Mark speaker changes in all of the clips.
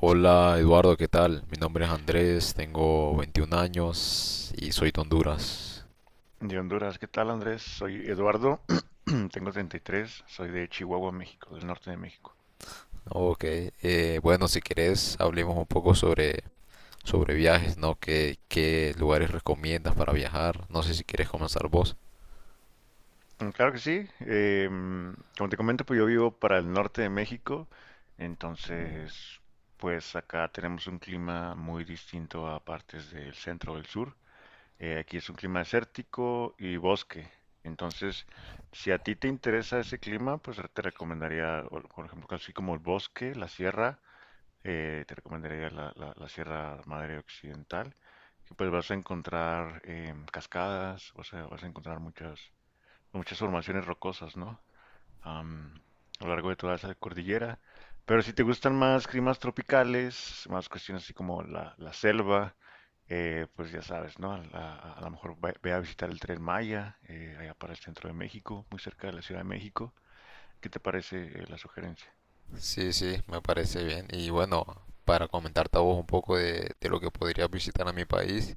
Speaker 1: Hola Eduardo, ¿qué tal? Mi nombre es Andrés, tengo 21 años y soy de Honduras.
Speaker 2: De Honduras, ¿qué tal Andrés? Soy Eduardo, tengo treinta y tres, soy de Chihuahua, México, del norte de México.
Speaker 1: Ok, bueno, si querés, hablemos un poco sobre viajes, ¿no? ¿Qué lugares recomiendas para viajar? No sé si quieres comenzar vos.
Speaker 2: Mm, claro que sí. Como te comento, pues yo vivo para el norte de México, entonces pues acá tenemos un clima muy distinto a partes del centro o del sur. Aquí es un clima desértico y bosque, entonces si a ti te interesa ese clima, pues te recomendaría, por ejemplo, así como el bosque, la sierra, te recomendaría la Sierra Madre Occidental, que pues vas a encontrar cascadas, vas a encontrar muchas, muchas formaciones rocosas, ¿no? Am, a lo largo de toda esa cordillera. Pero si te gustan más climas tropicales, más cuestiones así como la selva, pues ya sabes, ¿no? A lo mejor ve a visitar el Tren Maya, allá para el centro de México, muy cerca de la Ciudad de México. ¿Qué te parece, la sugerencia?
Speaker 1: Sí, sí, me parece bien. Y bueno, para comentarte a vos un poco de lo que podrías visitar a mi país,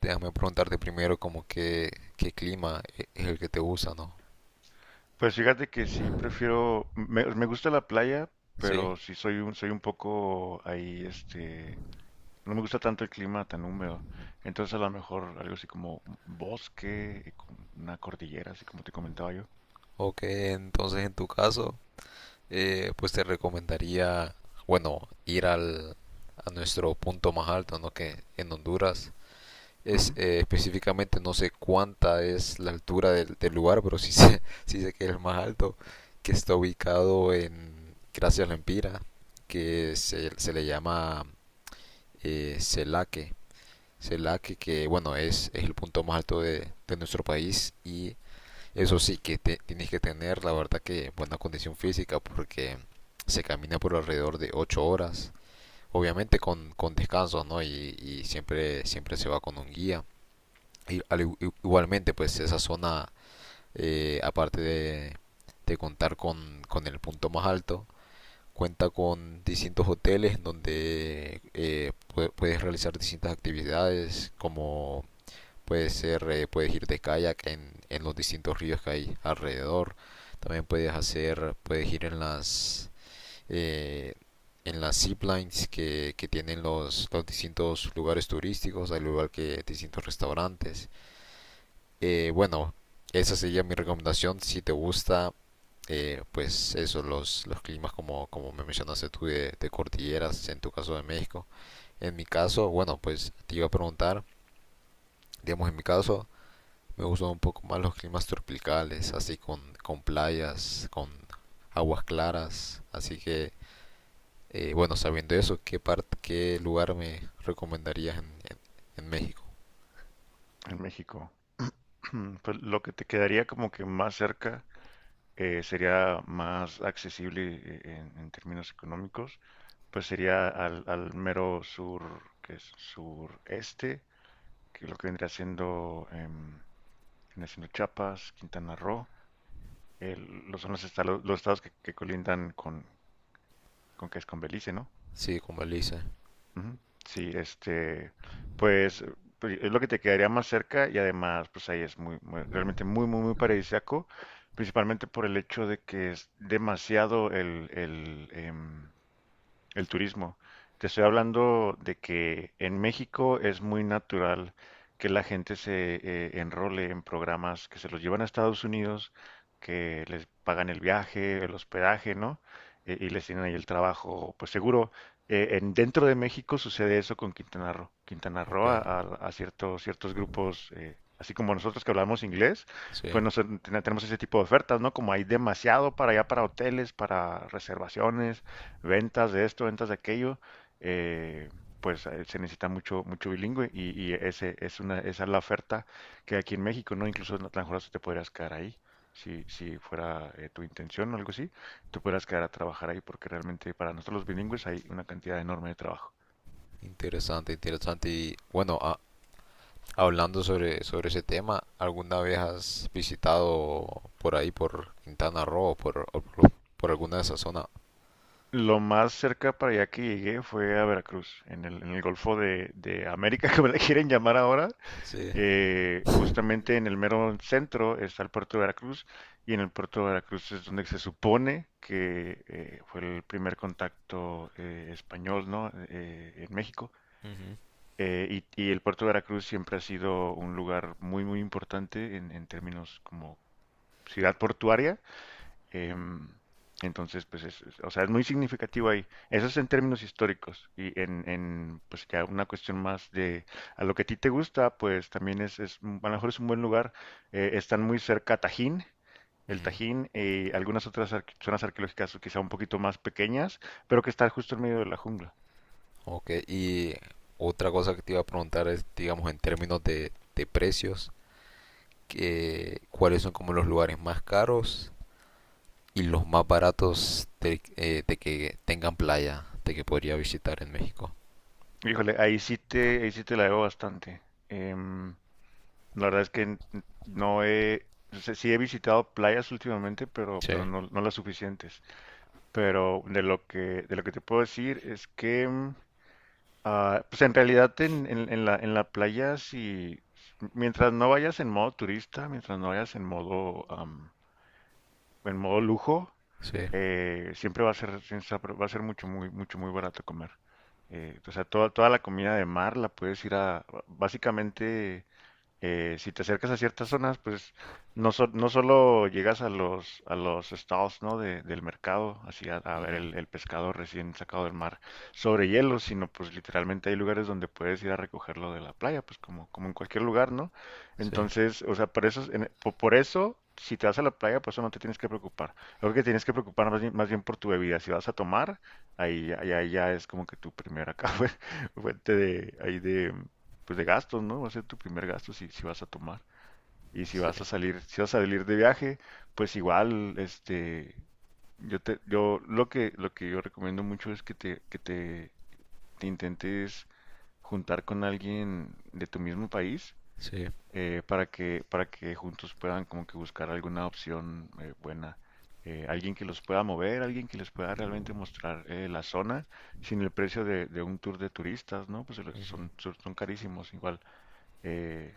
Speaker 1: déjame preguntarte primero como qué clima es el que te gusta, ¿no?
Speaker 2: Pues fíjate que sí prefiero, me gusta la playa, pero
Speaker 1: Sí.
Speaker 2: sí soy un poco ahí, este, no me gusta tanto el clima tan húmedo. Entonces a lo mejor algo así como un bosque, y con una cordillera, así como te comentaba yo.
Speaker 1: Ok, entonces en tu caso... pues te recomendaría, bueno, ir al, a nuestro punto más alto, ¿no? Que en Honduras es
Speaker 2: Ujú.
Speaker 1: específicamente, no sé cuánta es la altura del lugar, pero sí sí sé que es el más alto, que está ubicado en Gracias Lempira, que se le llama Celaque. Celaque, que bueno, es el punto más alto de nuestro país, y eso sí que tienes que tener, la verdad, que buena condición física, porque se camina por alrededor de 8 horas. Obviamente con descanso, ¿no? Y siempre, siempre se va con un guía. Y al igualmente, pues esa zona, aparte de contar con el punto más alto, cuenta con distintos hoteles donde puedes realizar distintas actividades como puede ser, puedes ir de kayak en los distintos ríos que hay alrededor. También puedes ir eh, en las ziplines que tienen los distintos lugares turísticos, al igual que distintos restaurantes. Bueno, esa sería mi recomendación si te gusta, pues eso, los climas como, como me mencionaste tú de cordilleras, en tu caso de México. En mi caso, bueno, pues te iba a preguntar, digamos en mi caso, me gustan un poco más los climas tropicales, así con playas, con aguas claras. Así que, bueno, sabiendo eso, ¿qué parte, qué lugar me recomendarías en- en México?
Speaker 2: En México. Pues lo que te quedaría como que más cerca, sería más accesible, en términos económicos, pues sería al mero sur, que es sureste, que lo que vendría siendo tienes en Chiapas, Quintana Roo, los son los estados que colindan con, que es con Belice, ¿no?
Speaker 1: Sí, como Elise.
Speaker 2: Ujú. Sí, este, pues, pues es lo que te quedaría más cerca, y además, pues ahí es realmente muy, muy, muy paradisíaco, principalmente por el hecho de que es demasiado el el turismo. Te estoy hablando de que en México es muy natural que la gente se enrole en programas que se los llevan a Estados Unidos, que les pagan el viaje, el hospedaje, ¿no? Y les tienen ahí el trabajo, pues seguro. Dentro de México sucede eso con Quintana Roo.
Speaker 1: Ok,
Speaker 2: A ciertos, ciertos grupos, así como nosotros que hablamos inglés,
Speaker 1: sí.
Speaker 2: pues tenemos ese tipo de ofertas, ¿no? Como hay demasiado para allá, para hoteles, para reservaciones, ventas de esto, ventas de aquello. eh, Se necesita mucho, mucho bilingüe, y es una, esa es la oferta que hay aquí en México, ¿no? Incluso, en la mejor hasta te podrías quedar ahí, si fuera tu intención o algo así, te podrías quedar a trabajar ahí, porque realmente para nosotros los bilingües hay una cantidad enorme de trabajo.
Speaker 1: Interesante, interesante. Y bueno, hablando sobre ese tema, ¿alguna vez has visitado por ahí, por Quintana Roo, por alguna de esas zonas?
Speaker 2: Lo más cerca para allá que llegué fue a Veracruz, en en el Golfo de América, que me le quieren llamar ahora.
Speaker 1: Sí.
Speaker 2: Justamente en el mero centro está el puerto de Veracruz, y en el puerto de Veracruz es donde se supone que fue el primer contacto español, ¿no? En México.
Speaker 1: Ujú,
Speaker 2: Eh, y el puerto de Veracruz siempre ha sido un lugar muy, muy importante, en términos como ciudad portuaria. eh, entonces, pues o sea, es muy significativo ahí. Eso es en términos históricos, y en, pues, ya una cuestión más de a lo que a ti te gusta, pues también es a lo mejor es un buen lugar. Están muy cerca Tajín, el
Speaker 1: ujú.
Speaker 2: Tajín, algunas otras zonas arqueológicas quizá un poquito más pequeñas, pero que están justo en medio de la jungla.
Speaker 1: Ok, y otra cosa que te iba a preguntar es, digamos, en términos de precios, que, ¿cuáles son como los lugares más caros y los más baratos de que tengan playa, de que podría visitar en México?
Speaker 2: Híjole, ahí sí te la debo bastante. Em, la verdad es que n- no he, o sea, sí he visitado playas últimamente,
Speaker 1: Sí,
Speaker 2: pero no, no las suficientes. Pero de lo que te puedo decir es que, mm, ah, pues en realidad en la playa, si, mientras no vayas en modo turista, mientras no vayas en modo, am, en modo lujo,
Speaker 1: sí,
Speaker 2: siempre va a ser, siempre va a ser mucho, muy barato comer. O sea, toda la comida de mar la puedes ir a, básicamente, si te acercas a ciertas zonas, pues no solo llegas a los estados, ¿no? Del mercado, así a ver
Speaker 1: ujú,
Speaker 2: el pescado recién sacado del mar, sobre hielo, sino pues literalmente hay lugares donde puedes ir a recogerlo de la playa, pues como, como en cualquier lugar, ¿no?
Speaker 1: sí,
Speaker 2: Entonces, o sea, por eso, por eso, si te vas a la playa, pues eso no te tienes que preocupar. Lo que tienes que preocupar más bien por tu bebida. Si vas a tomar, ahí ya es como que tu primera acá fuente de, ahí de, pues de gastos, ¿no? Va a ser tu primer gasto si, si vas a tomar. Y si vas
Speaker 1: sí,
Speaker 2: a salir, si vas a salir de viaje, pues igual, este, yo lo que yo recomiendo mucho es que te intentes juntar con alguien de tu mismo país,
Speaker 1: sí,
Speaker 2: para que juntos puedan como que buscar alguna opción buena. Alguien que los pueda mover, alguien que les pueda realmente mostrar la zona, sin el precio de un tour de turistas, ¿no? Pues
Speaker 1: ujú,
Speaker 2: son, son carísimos igual. Eh,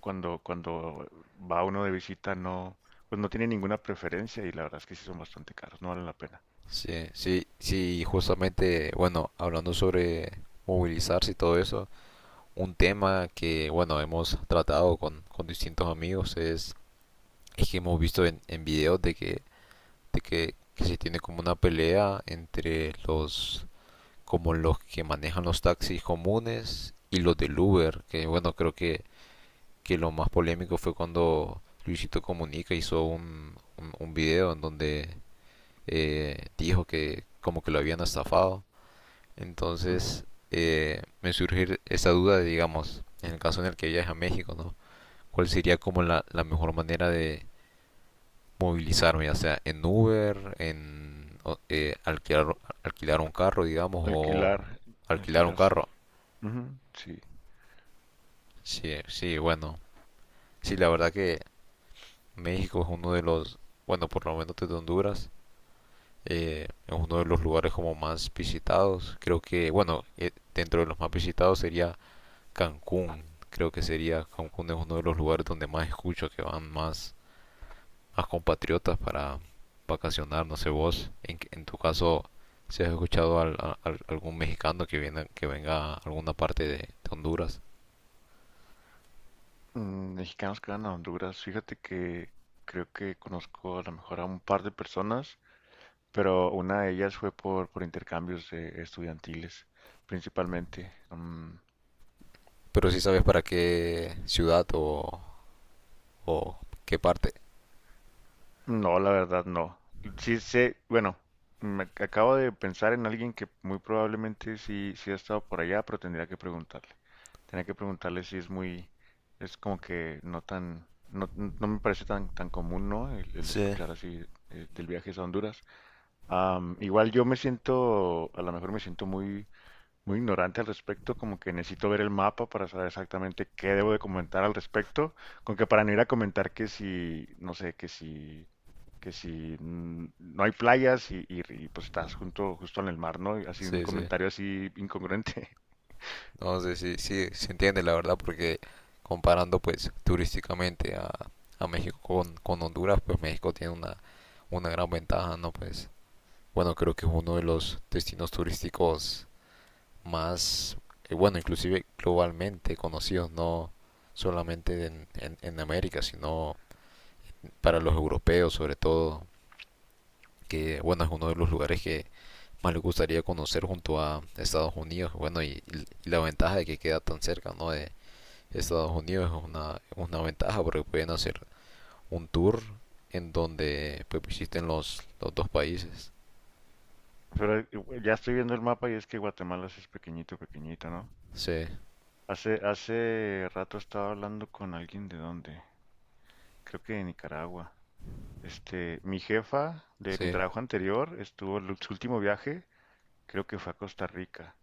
Speaker 2: cuando, cuando va uno de visita, no, pues no tiene ninguna preferencia, y la verdad es que sí son bastante caros, no valen la pena.
Speaker 1: sí, sí, sí, y justamente, bueno, hablando sobre movilizarse y todo eso, un tema que, bueno, hemos tratado con distintos amigos es que hemos visto en videos de que se tiene como una pelea entre los como los que manejan los taxis comunes y los del Uber, que bueno, creo que lo más polémico fue cuando Luisito Comunica hizo un video en donde dijo que como que lo habían estafado.
Speaker 2: Ujú.
Speaker 1: Entonces me surge esa duda de, digamos, en el caso en el que viaje a México, ¿no? ¿Cuál sería como la mejor manera de movilizarme, ya sea en Uber, en eh, alquilar, alquilar un carro, digamos, o
Speaker 2: Alquilar,
Speaker 1: alquilar un
Speaker 2: alquilar sí.
Speaker 1: carro.
Speaker 2: Ujú, sí.
Speaker 1: Sí, sí, bueno. Sí, la verdad que México es uno de los, bueno, por lo menos desde Honduras, es uno de los lugares como más visitados. Creo que, bueno, dentro de los más visitados sería Cancún. Creo que sería Cancún, es uno de los lugares donde más escucho que van más a compatriotas para vacacionar. No sé vos, en tu caso, si has escuchado algún mexicano que, que venga a alguna parte de Honduras,
Speaker 2: Mm, mexicanos que van a Honduras, fíjate que creo que conozco a lo mejor a un par de personas, pero una de ellas fue por intercambios estudiantiles, principalmente. Mm,
Speaker 1: pero si sí sabes para qué ciudad o qué parte.
Speaker 2: no, la verdad no. Sí sé, bueno, me acabo de pensar en alguien que muy probablemente sí, sí ha estado por allá, pero tendría que preguntarle. Tendría que preguntarle si es muy, es como que no tan, no me parece tan, tan común, ¿no? El
Speaker 1: Sí.
Speaker 2: escuchar así del viaje a Honduras. Am, igual yo me siento, a lo mejor me siento muy, muy ignorante al respecto, como que necesito ver el mapa para saber exactamente qué debo de comentar al respecto, con que para no ir a comentar que si, no sé, que si mm, no hay playas y pues estás junto, justo en el mar, ¿no? Y así un
Speaker 1: Sí, sí.
Speaker 2: comentario así incongruente.
Speaker 1: No sé si sí, sí, se entiende la verdad, porque comparando pues turísticamente a México con Honduras, pues México tiene una gran ventaja, ¿no? Pues bueno, creo que es uno de los destinos turísticos más, bueno, inclusive globalmente conocidos, no solamente en América, sino para los europeos sobre todo, que bueno, es uno de los lugares que más les gustaría conocer junto a Estados Unidos, bueno, y la ventaja de que queda tan cerca, ¿no? De Estados Unidos es una ventaja, porque pueden hacer un tour en donde pues visiten los dos países.
Speaker 2: Pero ya estoy viendo el mapa, y es que Guatemala sí es pequeñito, pequeñito, ¿no?
Speaker 1: Sí,
Speaker 2: Hace rato estaba hablando con alguien de dónde, creo que de Nicaragua. Este, mi jefa de mi
Speaker 1: sí,
Speaker 2: trabajo anterior estuvo en su último viaje. Creo que fue a Costa Rica.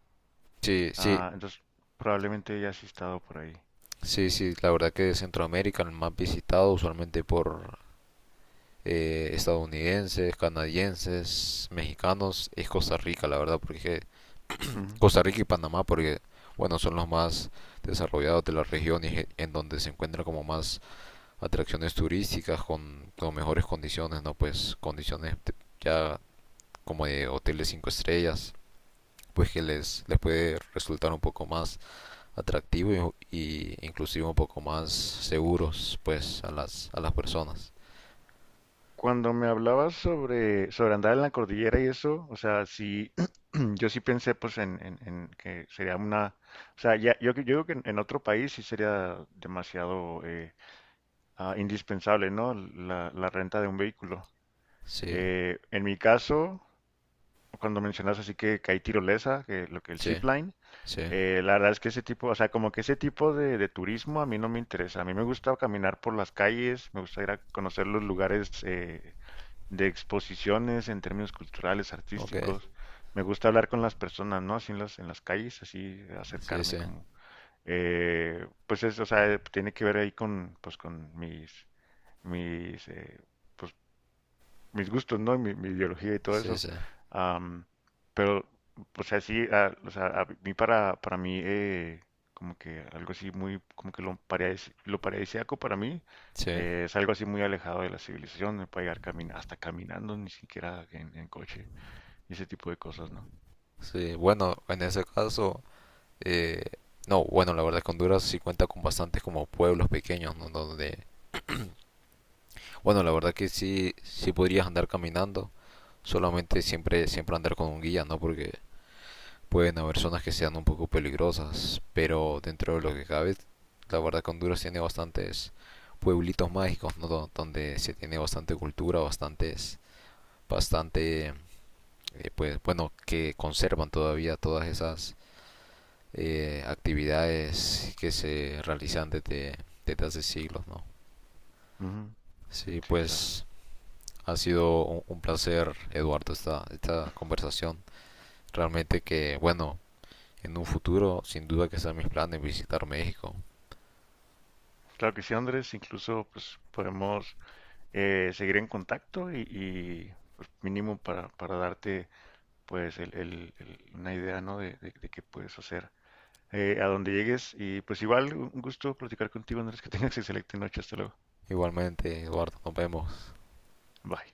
Speaker 1: sí, sí,
Speaker 2: Ah, entonces probablemente ya has estado por ahí.
Speaker 1: sí, sí, la verdad que Centroamérica, el más visitado usualmente por estadounidenses, canadienses, mexicanos, es Costa Rica, la verdad, porque
Speaker 2: Ujú.
Speaker 1: Costa Rica y Panamá, porque bueno, son los más desarrollados de la región, y en donde se encuentran como más atracciones turísticas con mejores condiciones, ¿no? Pues condiciones ya como de hoteles 5 estrellas, pues que les puede resultar un poco más atractivo, y inclusive un poco más seguros, pues, a las personas.
Speaker 2: Cuando me hablabas sobre, sobre andar en la cordillera y eso, o sea, sí, yo sí pensé pues en que sería una, o sea, ya, yo creo que en otro país sí sería demasiado indispensable, ¿no? La renta de un vehículo.
Speaker 1: Sí,
Speaker 2: En mi caso, cuando mencionas así que hay tirolesa, que lo que el
Speaker 1: sí,
Speaker 2: zipline,
Speaker 1: sí,
Speaker 2: La verdad es que ese tipo, o sea, como que ese tipo de turismo a mí no me interesa. A mí me gusta caminar por las calles, me gusta ir a conocer los lugares, de exposiciones en términos culturales,
Speaker 1: ok,
Speaker 2: artísticos. Me gusta hablar con las personas, ¿no? Así en las calles, así
Speaker 1: sí,
Speaker 2: acercarme
Speaker 1: sí.
Speaker 2: como pues es, o sea, tiene que ver ahí con, pues con mis, mis, pues mis gustos, ¿no? Y mi ideología y todo
Speaker 1: Sí,
Speaker 2: eso.
Speaker 1: sí,
Speaker 2: Am, pero, o sea, sí, a, o sea, a mí para mí, como que algo así muy, como que lo, lo paradisíaco para mí
Speaker 1: sí,
Speaker 2: es algo así muy alejado de la civilización, me puede llegar camin hasta caminando, ni siquiera en coche, y ese tipo de cosas, ¿no?
Speaker 1: sí. Bueno, en ese caso, eh, no, bueno, la verdad es que Honduras sí cuenta con bastantes como pueblos pequeños, ¿no? Donde, bueno, la verdad que sí, sí podrías andar caminando, solamente siempre, siempre andar con un guía, ¿no? Porque pueden haber zonas que sean un poco peligrosas, pero dentro de lo que cabe, la verdad que Honduras tiene bastantes pueblitos mágicos, ¿no? Donde se tiene bastante cultura, bastante, pues, bueno, que conservan todavía todas esas actividades que se realizan desde hace siglos, ¿no?
Speaker 2: Ujú,
Speaker 1: Sí,
Speaker 2: sí, claro.
Speaker 1: pues ha sido un placer, Eduardo, esta conversación. Realmente que, bueno, en un futuro sin duda que sean mis planes visitar México.
Speaker 2: Claro que sí, Andrés, incluso pues podemos seguir en contacto y pues, mínimo para darte pues una idea, ¿no? De, de qué puedes hacer a donde llegues. Y pues igual, un gusto platicar contigo, Andrés, que tengas excelente noche. Hasta luego.
Speaker 1: Igualmente, Eduardo, nos vemos.
Speaker 2: Bye.